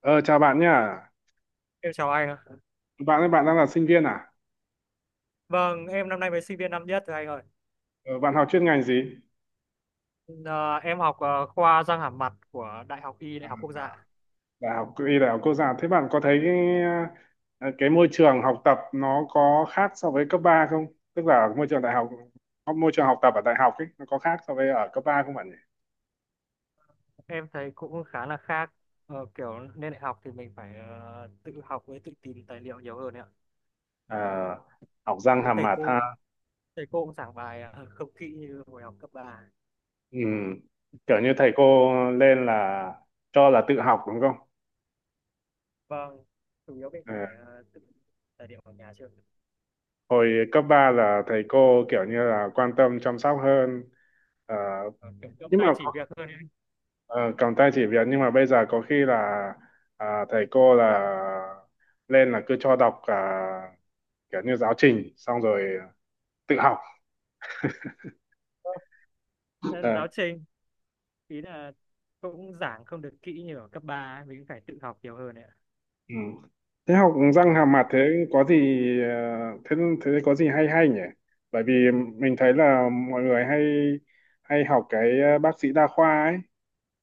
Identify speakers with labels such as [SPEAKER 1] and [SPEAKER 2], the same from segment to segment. [SPEAKER 1] Ờ, Chào bạn nhá.
[SPEAKER 2] Em chào anh ạ.
[SPEAKER 1] Bạn ơi, bạn đang là sinh viên à?
[SPEAKER 2] Vâng, em năm nay mới sinh viên năm nhất rồi anh ơi.
[SPEAKER 1] Ờ, Bạn học chuyên ngành gì?
[SPEAKER 2] Ờ, em học khoa răng hàm mặt của Đại học Y, Đại học Quốc
[SPEAKER 1] À,
[SPEAKER 2] gia.
[SPEAKER 1] Đại học Y, Đại học Quốc gia. Thế bạn có thấy cái môi trường học tập nó có khác so với cấp 3 không? Tức là môi trường đại học, môi trường học tập ở đại học ấy, nó có khác so với ở cấp ba không bạn nhỉ?
[SPEAKER 2] Em thấy cũng khá là khác. Kiểu lên đại học thì mình phải tự học với tự tìm tài liệu nhiều hơn ấy ạ.
[SPEAKER 1] Ờ, Học răng
[SPEAKER 2] Với
[SPEAKER 1] hàm mặt ha.
[SPEAKER 2] thầy cô cũng giảng bài không kỹ như hồi học cấp ba.
[SPEAKER 1] Ừ. Kiểu như thầy cô lên là cho là tự học đúng không?
[SPEAKER 2] Vâng, chủ yếu mình
[SPEAKER 1] Ờ.
[SPEAKER 2] phải tự tài liệu ở nhà trước.
[SPEAKER 1] Hồi cấp 3 là thầy cô kiểu như là quan tâm chăm sóc hơn. Ờ,
[SPEAKER 2] Ờ, Kiểu kiểu
[SPEAKER 1] nhưng mà
[SPEAKER 2] tay chỉ việc hơn ấy.
[SPEAKER 1] Ờ, cầm tay chỉ việc nhưng mà bây giờ có khi là thầy cô là lên là cứ cho đọc cả kiểu như giáo trình xong rồi tự học.
[SPEAKER 2] Vâng, nên
[SPEAKER 1] Ờ,
[SPEAKER 2] giáo trình ý là cũng giảng không được kỹ như ở cấp 3 ấy. Mình cũng phải tự học nhiều hơn ấy ạ.
[SPEAKER 1] ừ. Thế học răng
[SPEAKER 2] Ờ,
[SPEAKER 1] hàm mặt thế có gì, ờ, thế thế có gì hay hay nhỉ, bởi vì mình thấy là mọi người hay hay học cái bác sĩ đa khoa ấy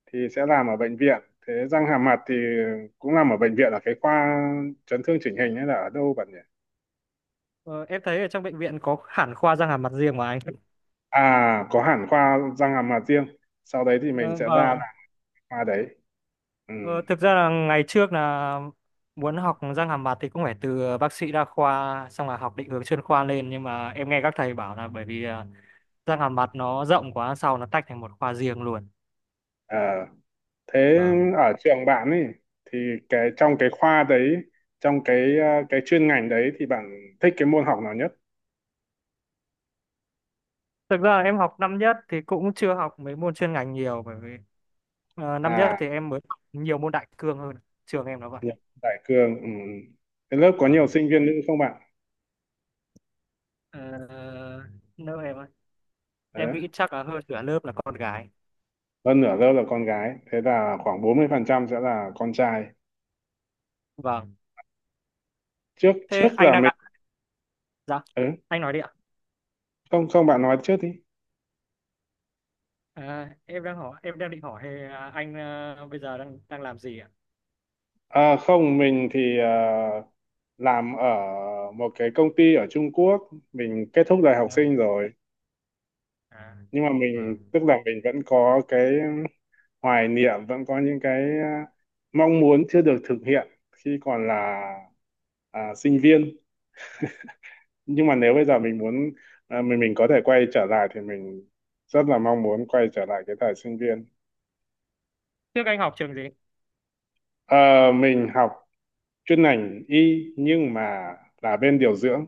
[SPEAKER 1] thì sẽ làm ở bệnh viện. Thế răng hàm mặt thì cũng làm ở bệnh viện là cái khoa chấn thương chỉnh hình hay là ở đâu bạn nhỉ?
[SPEAKER 2] Ờ, em thấy ở trong bệnh viện có hẳn khoa răng hàm mặt riêng mà anh.
[SPEAKER 1] À, có hẳn khoa răng hàm mặt riêng, sau đấy thì mình
[SPEAKER 2] Ờ,
[SPEAKER 1] sẽ ra
[SPEAKER 2] vâng.
[SPEAKER 1] làm khoa đấy. Ừ.
[SPEAKER 2] Ờ, Thực ra là ngày trước là muốn học răng hàm mặt thì cũng phải từ bác sĩ đa khoa xong là học định hướng chuyên khoa lên, nhưng mà em nghe các thầy bảo là bởi vì răng hàm mặt nó rộng quá sau nó tách thành một khoa riêng luôn.
[SPEAKER 1] Ờ, Thế
[SPEAKER 2] Vâng.
[SPEAKER 1] ở trường bạn ấy thì cái trong cái khoa đấy trong cái ờ, cái chuyên ngành đấy thì bạn thích cái môn học nào nhất?
[SPEAKER 2] Thực ra em học năm nhất thì cũng chưa học mấy môn chuyên ngành nhiều, bởi vì năm nhất
[SPEAKER 1] À,
[SPEAKER 2] thì em mới học nhiều môn đại cương hơn. Trường em nó vậy.
[SPEAKER 1] nhập đại cương. Ừ. Cái lớp có nhiều
[SPEAKER 2] Vâng.
[SPEAKER 1] sinh viên nữ không bạn?
[SPEAKER 2] Ờ, Lớp em ơi,
[SPEAKER 1] Ờ,
[SPEAKER 2] em nghĩ chắc là hơn nửa lớp là con gái.
[SPEAKER 1] Hơn nửa lớp là con gái, thế là khoảng 40% sẽ là con trai.
[SPEAKER 2] Vâng.
[SPEAKER 1] trước
[SPEAKER 2] Thế
[SPEAKER 1] trước
[SPEAKER 2] anh
[SPEAKER 1] là
[SPEAKER 2] đang
[SPEAKER 1] mình
[SPEAKER 2] đặt Dạ,
[SPEAKER 1] ừ.
[SPEAKER 2] anh nói đi ạ.
[SPEAKER 1] Không không, bạn nói trước đi.
[SPEAKER 2] À, em đang hỏi em đang định hỏi anh bây giờ đang đang làm gì ạ?
[SPEAKER 1] À, không, mình thì làm ở một cái công ty ở Trung Quốc. Mình kết thúc đời học
[SPEAKER 2] À,
[SPEAKER 1] sinh rồi.
[SPEAKER 2] à,
[SPEAKER 1] Nhưng mà mình,
[SPEAKER 2] vâng.
[SPEAKER 1] tức là mình vẫn có cái hoài niệm, vẫn có những cái mong muốn chưa được thực hiện khi còn là sinh viên. Nhưng mà nếu bây giờ mình muốn, à, mình có thể quay trở lại thì mình rất là mong muốn quay trở lại cái thời sinh viên.
[SPEAKER 2] Trước anh học trường gì?
[SPEAKER 1] Ờ, mình học chuyên ngành y nhưng mà là bên điều dưỡng.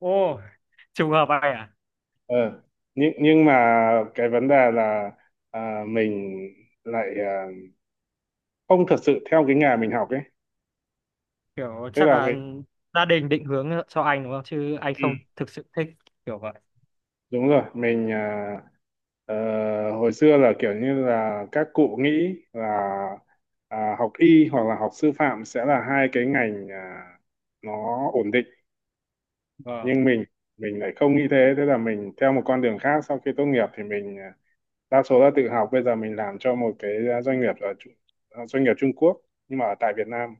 [SPEAKER 2] Ô, trùng hợp vậy à?
[SPEAKER 1] Ờ, nhưng mà cái vấn đề là mình lại không thật sự theo cái nghề mình học ấy,
[SPEAKER 2] Kiểu
[SPEAKER 1] tức
[SPEAKER 2] chắc
[SPEAKER 1] là
[SPEAKER 2] là
[SPEAKER 1] mình
[SPEAKER 2] gia đình định hướng cho anh đúng không? Chứ anh
[SPEAKER 1] ừ,
[SPEAKER 2] không thực sự thích kiểu vậy.
[SPEAKER 1] đúng rồi. Mình à, ờ, hồi xưa là kiểu như là các cụ nghĩ là học y hoặc là học sư phạm sẽ là hai cái ngành nó ổn định,
[SPEAKER 2] Vâng,
[SPEAKER 1] nhưng mình lại không nghĩ thế. Thế là mình theo một con đường khác, sau khi tốt nghiệp thì mình đa số là tự học. Bây giờ mình làm cho một cái doanh nghiệp ở doanh nghiệp Trung Quốc nhưng mà ở tại Việt Nam.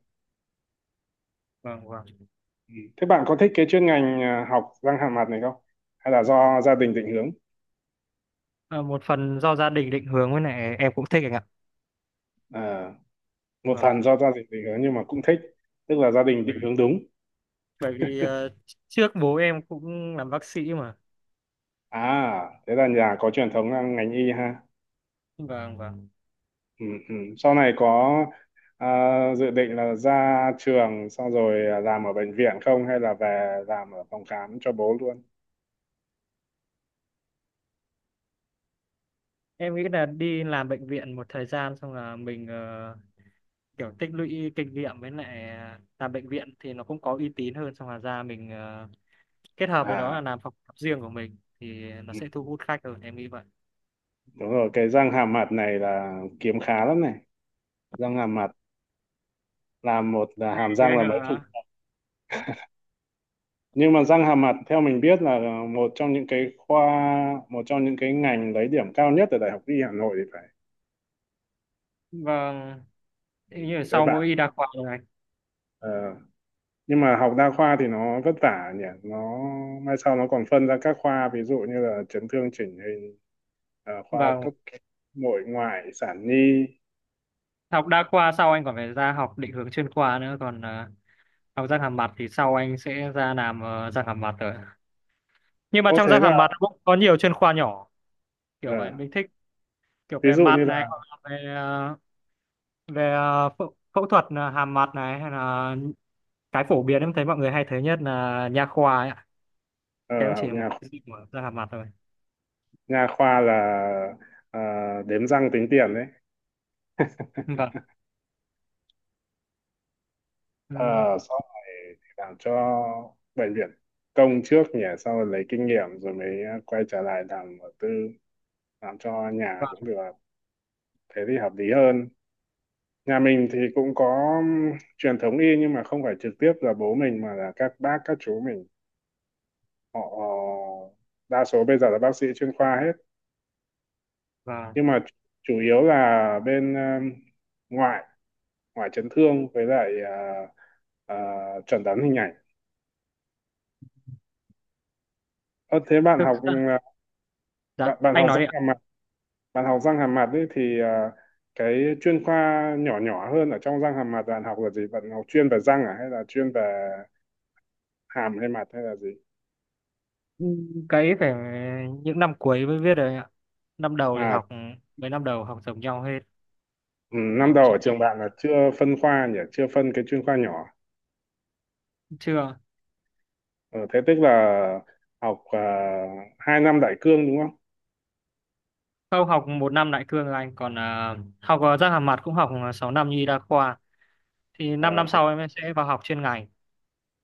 [SPEAKER 2] vâng, vâng.
[SPEAKER 1] Ừ. Thế bạn có thích cái chuyên ngành học răng hàm mặt này không, hay là do gia đình định hướng?
[SPEAKER 2] Ờ, Một phần do gia đình định hướng, với này em cũng thích anh ạ.
[SPEAKER 1] À, một
[SPEAKER 2] Vâng.
[SPEAKER 1] phần do gia đình định hướng nhưng mà cũng thích, tức là gia đình
[SPEAKER 2] Bởi
[SPEAKER 1] định
[SPEAKER 2] vì,
[SPEAKER 1] hướng đúng.
[SPEAKER 2] bởi vì trước bố em cũng làm bác sĩ mà.
[SPEAKER 1] À thế là nhà có truyền thống là ngành y ha.
[SPEAKER 2] Vâng, vâng.
[SPEAKER 1] Ừ, ừ. Sau này có dự định là ra trường xong rồi làm ở bệnh viện không, hay là về làm ở phòng khám cho bố luôn?
[SPEAKER 2] Em nghĩ là đi làm bệnh viện một thời gian xong là mình kiểu tích lũy kinh nghiệm, với lại à, làm bệnh viện thì nó cũng có uy tín hơn, xong là ra mình à, kết hợp với đó
[SPEAKER 1] À,
[SPEAKER 2] là làm phòng khám riêng của mình thì nó
[SPEAKER 1] ừ.
[SPEAKER 2] sẽ thu hút khách hơn, em nghĩ vậy.
[SPEAKER 1] Đúng rồi, cái răng hàm mặt này là kiếm khá lắm này. Răng hàm mặt làm một là hàm
[SPEAKER 2] Thế
[SPEAKER 1] răng
[SPEAKER 2] anh
[SPEAKER 1] là mấy chục.
[SPEAKER 2] ạ.
[SPEAKER 1] Nhưng mà răng hàm mặt theo mình biết là một trong những cái khoa, một trong những cái ngành lấy điểm cao nhất ở Đại học Y Hà Nội thì phải.
[SPEAKER 2] Vâng.
[SPEAKER 1] Ừ,
[SPEAKER 2] Thế như là
[SPEAKER 1] thế
[SPEAKER 2] sau mỗi y
[SPEAKER 1] bạn.
[SPEAKER 2] đa khoa rồi anh.
[SPEAKER 1] Ờ. Nhưng mà học đa khoa thì nó vất vả nhỉ. Nó mai sau nó còn phân ra các khoa, ví dụ như là chấn thương chỉnh hình, khoa
[SPEAKER 2] Vâng.
[SPEAKER 1] cấp nội ngoại sản nhi.
[SPEAKER 2] Học đa khoa sau anh còn phải ra học định hướng chuyên khoa nữa, còn à, học răng hàm mặt thì sau anh sẽ ra làm răng hàm mặt rồi, nhưng mà
[SPEAKER 1] Ô
[SPEAKER 2] trong
[SPEAKER 1] thế
[SPEAKER 2] răng
[SPEAKER 1] là
[SPEAKER 2] hàm mặt nó cũng có nhiều chuyên khoa nhỏ,
[SPEAKER 1] ờ,
[SPEAKER 2] kiểu vậy. Mình thích kiểu
[SPEAKER 1] ví
[SPEAKER 2] về
[SPEAKER 1] dụ như
[SPEAKER 2] mặt này,
[SPEAKER 1] là
[SPEAKER 2] hoặc là về phẫu phẫu thuật hàm mặt này, hay là cái phổ biến em thấy mọi người hay thấy nhất là nha khoa ấy ạ.
[SPEAKER 1] ờ,
[SPEAKER 2] Cái cũng chỉ
[SPEAKER 1] học
[SPEAKER 2] là một
[SPEAKER 1] nhà,
[SPEAKER 2] cái dịch mở ra hàm mặt thôi.
[SPEAKER 1] nha khoa là ờ, đếm răng tính tiền đấy.
[SPEAKER 2] Vâng. Ừ.
[SPEAKER 1] Ờ, Sau này thì làm cho bệnh viện công trước nhỉ, sau rồi lấy kinh nghiệm rồi mới quay trở lại làm ở tư, làm cho nhà
[SPEAKER 2] và
[SPEAKER 1] cũng được, thế thì hợp lý hơn. Nhà mình thì cũng có truyền thống y, nhưng mà không phải trực tiếp là bố mình mà là các bác các chú mình, họ đa số bây giờ là bác sĩ chuyên khoa hết.
[SPEAKER 2] và
[SPEAKER 1] Nhưng mà chủ yếu là bên ngoại, ngoài chấn thương với lại à, chuẩn đoán hình ảnh. Ờ, thế bạn
[SPEAKER 2] thực
[SPEAKER 1] học
[SPEAKER 2] ra,
[SPEAKER 1] à,
[SPEAKER 2] dạ
[SPEAKER 1] bạn bạn
[SPEAKER 2] anh
[SPEAKER 1] học
[SPEAKER 2] nói
[SPEAKER 1] răng
[SPEAKER 2] đi ạ.
[SPEAKER 1] hàm mặt, bạn học răng hàm mặt ấy thì cái chuyên khoa nhỏ nhỏ hơn ở trong răng hàm mặt bạn học là gì? Bạn học chuyên về răng à, hay là chuyên về hàm hay mặt hay là gì?
[SPEAKER 2] Ừ, cái phải những năm cuối mới viết rồi anh ạ. Năm đầu thì
[SPEAKER 1] À,
[SPEAKER 2] học, mấy năm đầu học giống nhau hết.
[SPEAKER 1] ừ,
[SPEAKER 2] Nên
[SPEAKER 1] năm
[SPEAKER 2] em
[SPEAKER 1] đầu
[SPEAKER 2] chưa,
[SPEAKER 1] ở trường bạn là chưa phân khoa nhỉ, chưa phân cái chuyên khoa nhỏ.
[SPEAKER 2] chưa
[SPEAKER 1] Ờ, Thế tức là học 2 năm đại cương đúng không?
[SPEAKER 2] không học một năm lại cương rồi anh, còn à, học à, răng hàm mặt cũng học à, 6 năm như y đa khoa, thì 5
[SPEAKER 1] Ờ,
[SPEAKER 2] năm năm
[SPEAKER 1] học,
[SPEAKER 2] sau em sẽ vào học chuyên ngành.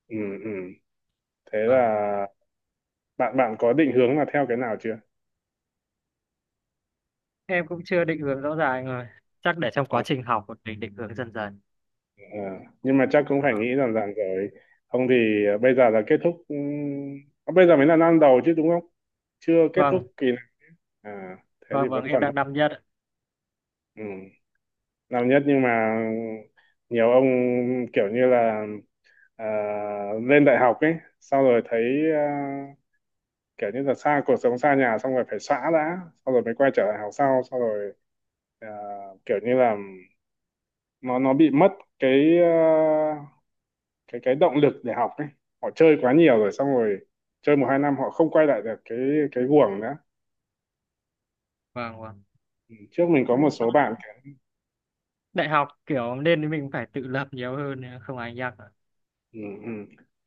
[SPEAKER 1] ừ, ừ. Thế là
[SPEAKER 2] Vâng.
[SPEAKER 1] bạn bạn có định hướng là theo cái nào chưa?
[SPEAKER 2] Em cũng chưa định hướng rõ ràng rồi, chắc để trong
[SPEAKER 1] Ờ,
[SPEAKER 2] quá trình học mình định hướng dần dần.
[SPEAKER 1] ờ, nhưng mà chắc cũng phải nghĩ rằng rằng rồi, không thì bây giờ là kết thúc bây giờ mới là năm đầu chứ đúng không, chưa kết thúc
[SPEAKER 2] Vâng.
[SPEAKER 1] kỳ này. À, thế thì
[SPEAKER 2] Vâng, vâng,
[SPEAKER 1] vẫn
[SPEAKER 2] em
[SPEAKER 1] còn hơn.
[SPEAKER 2] đang năm nhất ạ.
[SPEAKER 1] Ừ, năm nhất nhưng mà nhiều ông kiểu như là ờ, lên đại học ấy, sau rồi thấy ờ, kiểu như là xa cuộc sống xa nhà xong rồi phải xóa đã, sau rồi mới quay trở lại học, sau sau rồi ờ, kiểu như là nó bị mất cái cái động lực để học ấy. Họ chơi quá nhiều rồi, xong rồi chơi một hai năm họ không quay lại được cái guồng nữa.
[SPEAKER 2] Vâng, vâng.
[SPEAKER 1] Ừ. Trước mình có một
[SPEAKER 2] Ừ, sau
[SPEAKER 1] số
[SPEAKER 2] này
[SPEAKER 1] bạn.
[SPEAKER 2] đại học kiểu nên mình phải tự lập nhiều hơn, không ai nhắc ạ.
[SPEAKER 1] Ừ, ừ.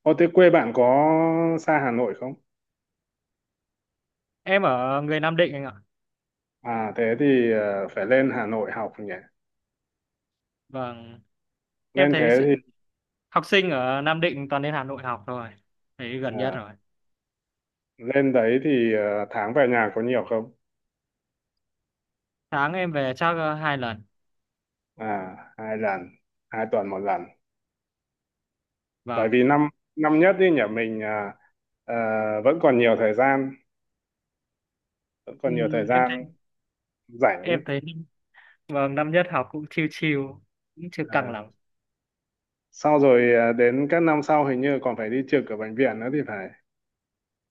[SPEAKER 1] Ô, thế quê bạn có xa Hà Nội không?
[SPEAKER 2] Em ở người Nam Định anh ạ.
[SPEAKER 1] À thế thì phải lên Hà Nội học nhỉ.
[SPEAKER 2] Vâng. Em
[SPEAKER 1] Lên
[SPEAKER 2] thấy
[SPEAKER 1] thế
[SPEAKER 2] sự...
[SPEAKER 1] thì
[SPEAKER 2] học sinh ở Nam Định toàn đến Hà Nội học thôi, thấy gần nhất
[SPEAKER 1] à,
[SPEAKER 2] rồi.
[SPEAKER 1] lên đấy thì tháng về nhà có nhiều không?
[SPEAKER 2] Sáng em về chắc hai lần.
[SPEAKER 1] À, 2 lần. 2 tuần 1 lần, bởi
[SPEAKER 2] Vâng.
[SPEAKER 1] vì năm năm nhất đi nhỉ, mình ờ, vẫn còn nhiều thời gian, vẫn còn nhiều
[SPEAKER 2] Ừm,
[SPEAKER 1] thời
[SPEAKER 2] em thấy
[SPEAKER 1] gian rảnh ấy.
[SPEAKER 2] em thấy, vâng, năm nhất học cũng chill chill, cũng chưa căng
[SPEAKER 1] À,
[SPEAKER 2] lắm.
[SPEAKER 1] sau rồi đến các năm sau hình như còn phải đi trực ở bệnh viện nữa thì phải.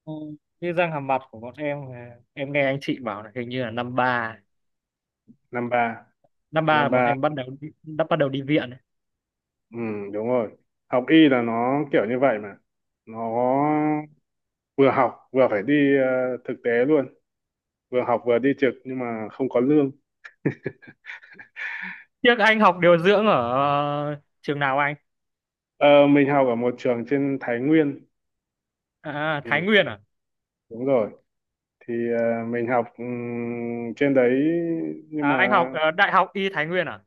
[SPEAKER 2] Ừ, như răng hàm mặt của bọn em em nghe anh chị bảo là hình như là năm ba,
[SPEAKER 1] Năm ba,
[SPEAKER 2] năm ba là
[SPEAKER 1] năm
[SPEAKER 2] bọn
[SPEAKER 1] ba.
[SPEAKER 2] em bắt đầu đi, đã bắt đầu đi viện.
[SPEAKER 1] Ừ, đúng rồi, học y là nó kiểu như vậy mà. Nó vừa học vừa phải đi thực tế luôn, vừa học vừa đi trực nhưng mà không có lương.
[SPEAKER 2] Tiếc anh học điều dưỡng ở trường nào anh?
[SPEAKER 1] Ờ, mình học ở một trường trên Thái Nguyên.
[SPEAKER 2] À,
[SPEAKER 1] Ừ,
[SPEAKER 2] Thái Nguyên à?
[SPEAKER 1] đúng rồi, thì mình học trên đấy nhưng
[SPEAKER 2] À, anh
[SPEAKER 1] mà
[SPEAKER 2] học Đại học Y Thái Nguyên à?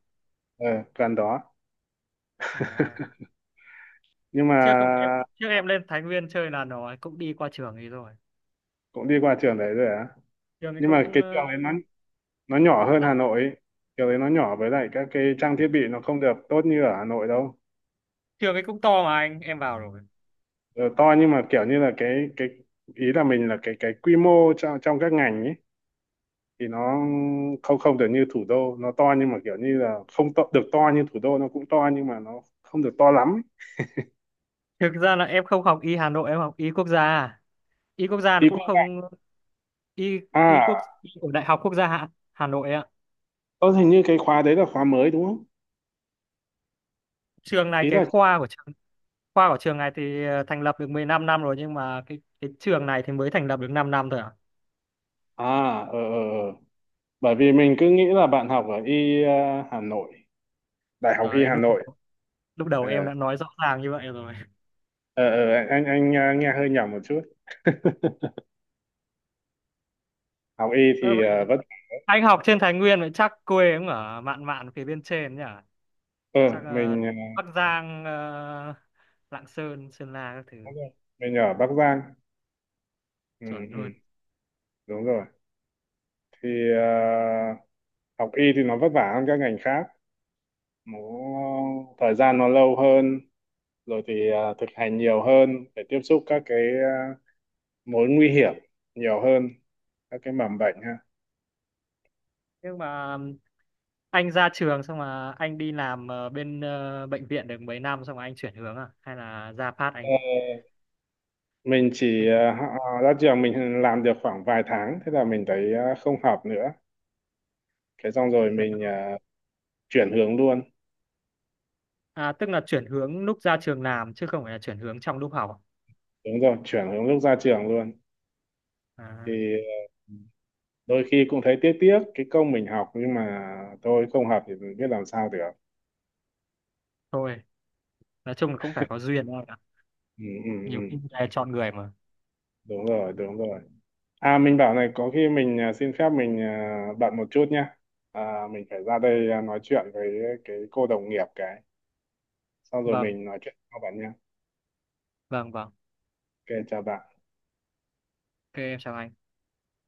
[SPEAKER 1] ờ, gần đó.
[SPEAKER 2] À,
[SPEAKER 1] Nhưng mà
[SPEAKER 2] trước cũng- em trước em lên Thái Nguyên chơi là nó cũng đi qua trường ấy rồi.
[SPEAKER 1] cũng đi qua trường đấy rồi á.
[SPEAKER 2] Trường ấy
[SPEAKER 1] Nhưng mà
[SPEAKER 2] cũng
[SPEAKER 1] cái
[SPEAKER 2] ờ,
[SPEAKER 1] trường đấy nó nhỏ hơn
[SPEAKER 2] Dạ,
[SPEAKER 1] Hà Nội ấy. Kiểu đấy nó nhỏ, với lại các cái trang thiết bị nó không được tốt như ở Hà Nội đâu.
[SPEAKER 2] trường ấy cũng to mà anh, em vào rồi.
[SPEAKER 1] Ờ, to nhưng mà kiểu như là cái ý là mình là cái quy mô trong trong các ngành ấy thì nó không, không được như thủ đô. Nó to nhưng mà kiểu như là không to, được to như thủ đô. Nó cũng to nhưng mà nó không được to lắm ấy.
[SPEAKER 2] Thực ra là em không học Y Hà Nội, em học Y Quốc gia. À. Y Quốc gia
[SPEAKER 1] Ý
[SPEAKER 2] nó
[SPEAKER 1] cô,
[SPEAKER 2] cũng không, Y Y quốc
[SPEAKER 1] à
[SPEAKER 2] Y ở Đại học Quốc gia Hà Nội ạ.
[SPEAKER 1] có hình như cái khóa đấy là khóa mới đúng không,
[SPEAKER 2] Trường này
[SPEAKER 1] ý
[SPEAKER 2] cái
[SPEAKER 1] là
[SPEAKER 2] khoa của trường Khoa của trường này thì thành lập được 15 năm rồi, nhưng mà cái trường này thì mới thành lập được 5 năm thôi à.
[SPEAKER 1] à, ờ ờ ờ. Bởi vì mình cứ nghĩ là bạn học ở y Hà Nội, Đại học y
[SPEAKER 2] Đấy,
[SPEAKER 1] Hà
[SPEAKER 2] lúc
[SPEAKER 1] Nội.
[SPEAKER 2] lúc đầu
[SPEAKER 1] Ờ.
[SPEAKER 2] em đã nói rõ ràng như vậy rồi.
[SPEAKER 1] Anh nghe hơi nhỏ một chút. Học y
[SPEAKER 2] Ơ
[SPEAKER 1] thì
[SPEAKER 2] vậy,
[SPEAKER 1] vẫn
[SPEAKER 2] anh học trên Thái Nguyên vậy chắc quê cũng ở mạn mạn phía bên trên nhỉ,
[SPEAKER 1] ờ.
[SPEAKER 2] chắc
[SPEAKER 1] Mình
[SPEAKER 2] Bắc Giang, Lạng Sơn, Sơn La các thứ.
[SPEAKER 1] đúng rồi. Mình ở Bắc Giang. Ừ,
[SPEAKER 2] Chuẩn
[SPEAKER 1] ừ,
[SPEAKER 2] luôn.
[SPEAKER 1] đúng rồi, thì ờ, học y thì nó vất vả hơn các ngành khác. Nó thời gian nó lâu hơn, rồi thì thực hành nhiều hơn để tiếp xúc các cái ờ, mối nguy hiểm nhiều hơn, các cái mầm bệnh ha.
[SPEAKER 2] Nhưng mà anh ra trường xong mà anh đi làm bệnh viện được mấy năm xong mà anh chuyển hướng à, hay là ra phát
[SPEAKER 1] Ờ,
[SPEAKER 2] anh
[SPEAKER 1] mình chỉ
[SPEAKER 2] anh
[SPEAKER 1] ờ, họ- ờ, ra trường mình làm được khoảng vài tháng, thế là mình thấy không hợp nữa. Thế xong rồi mình
[SPEAKER 2] chuyển-
[SPEAKER 1] chuyển hướng luôn.
[SPEAKER 2] À, tức là chuyển hướng lúc ra trường làm, chứ không phải là chuyển hướng trong lúc học. À,
[SPEAKER 1] Đúng rồi, chuyển hướng lúc ra trường luôn.
[SPEAKER 2] à,
[SPEAKER 1] Thì ờ, đôi khi cũng thấy tiếc tiếc cái công mình học, nhưng mà thôi không hợp thì mình biết làm sao được.
[SPEAKER 2] thôi, nói chung là cũng phải có duyên thôi ạ.
[SPEAKER 1] Ừ, ừ, ừ.
[SPEAKER 2] Nhiều khi là chọn người mà.
[SPEAKER 1] Đúng rồi, đúng rồi. À mình bảo này, có khi mình xin phép, mình bận một chút nhá. À, mình phải ra đây nói chuyện với cái cô đồng nghiệp cái, xong rồi
[SPEAKER 2] Vâng,
[SPEAKER 1] mình nói chuyện sau bạn nhá.
[SPEAKER 2] vâng, vâng.
[SPEAKER 1] Ok chào bạn.
[SPEAKER 2] Ok, em chào anh.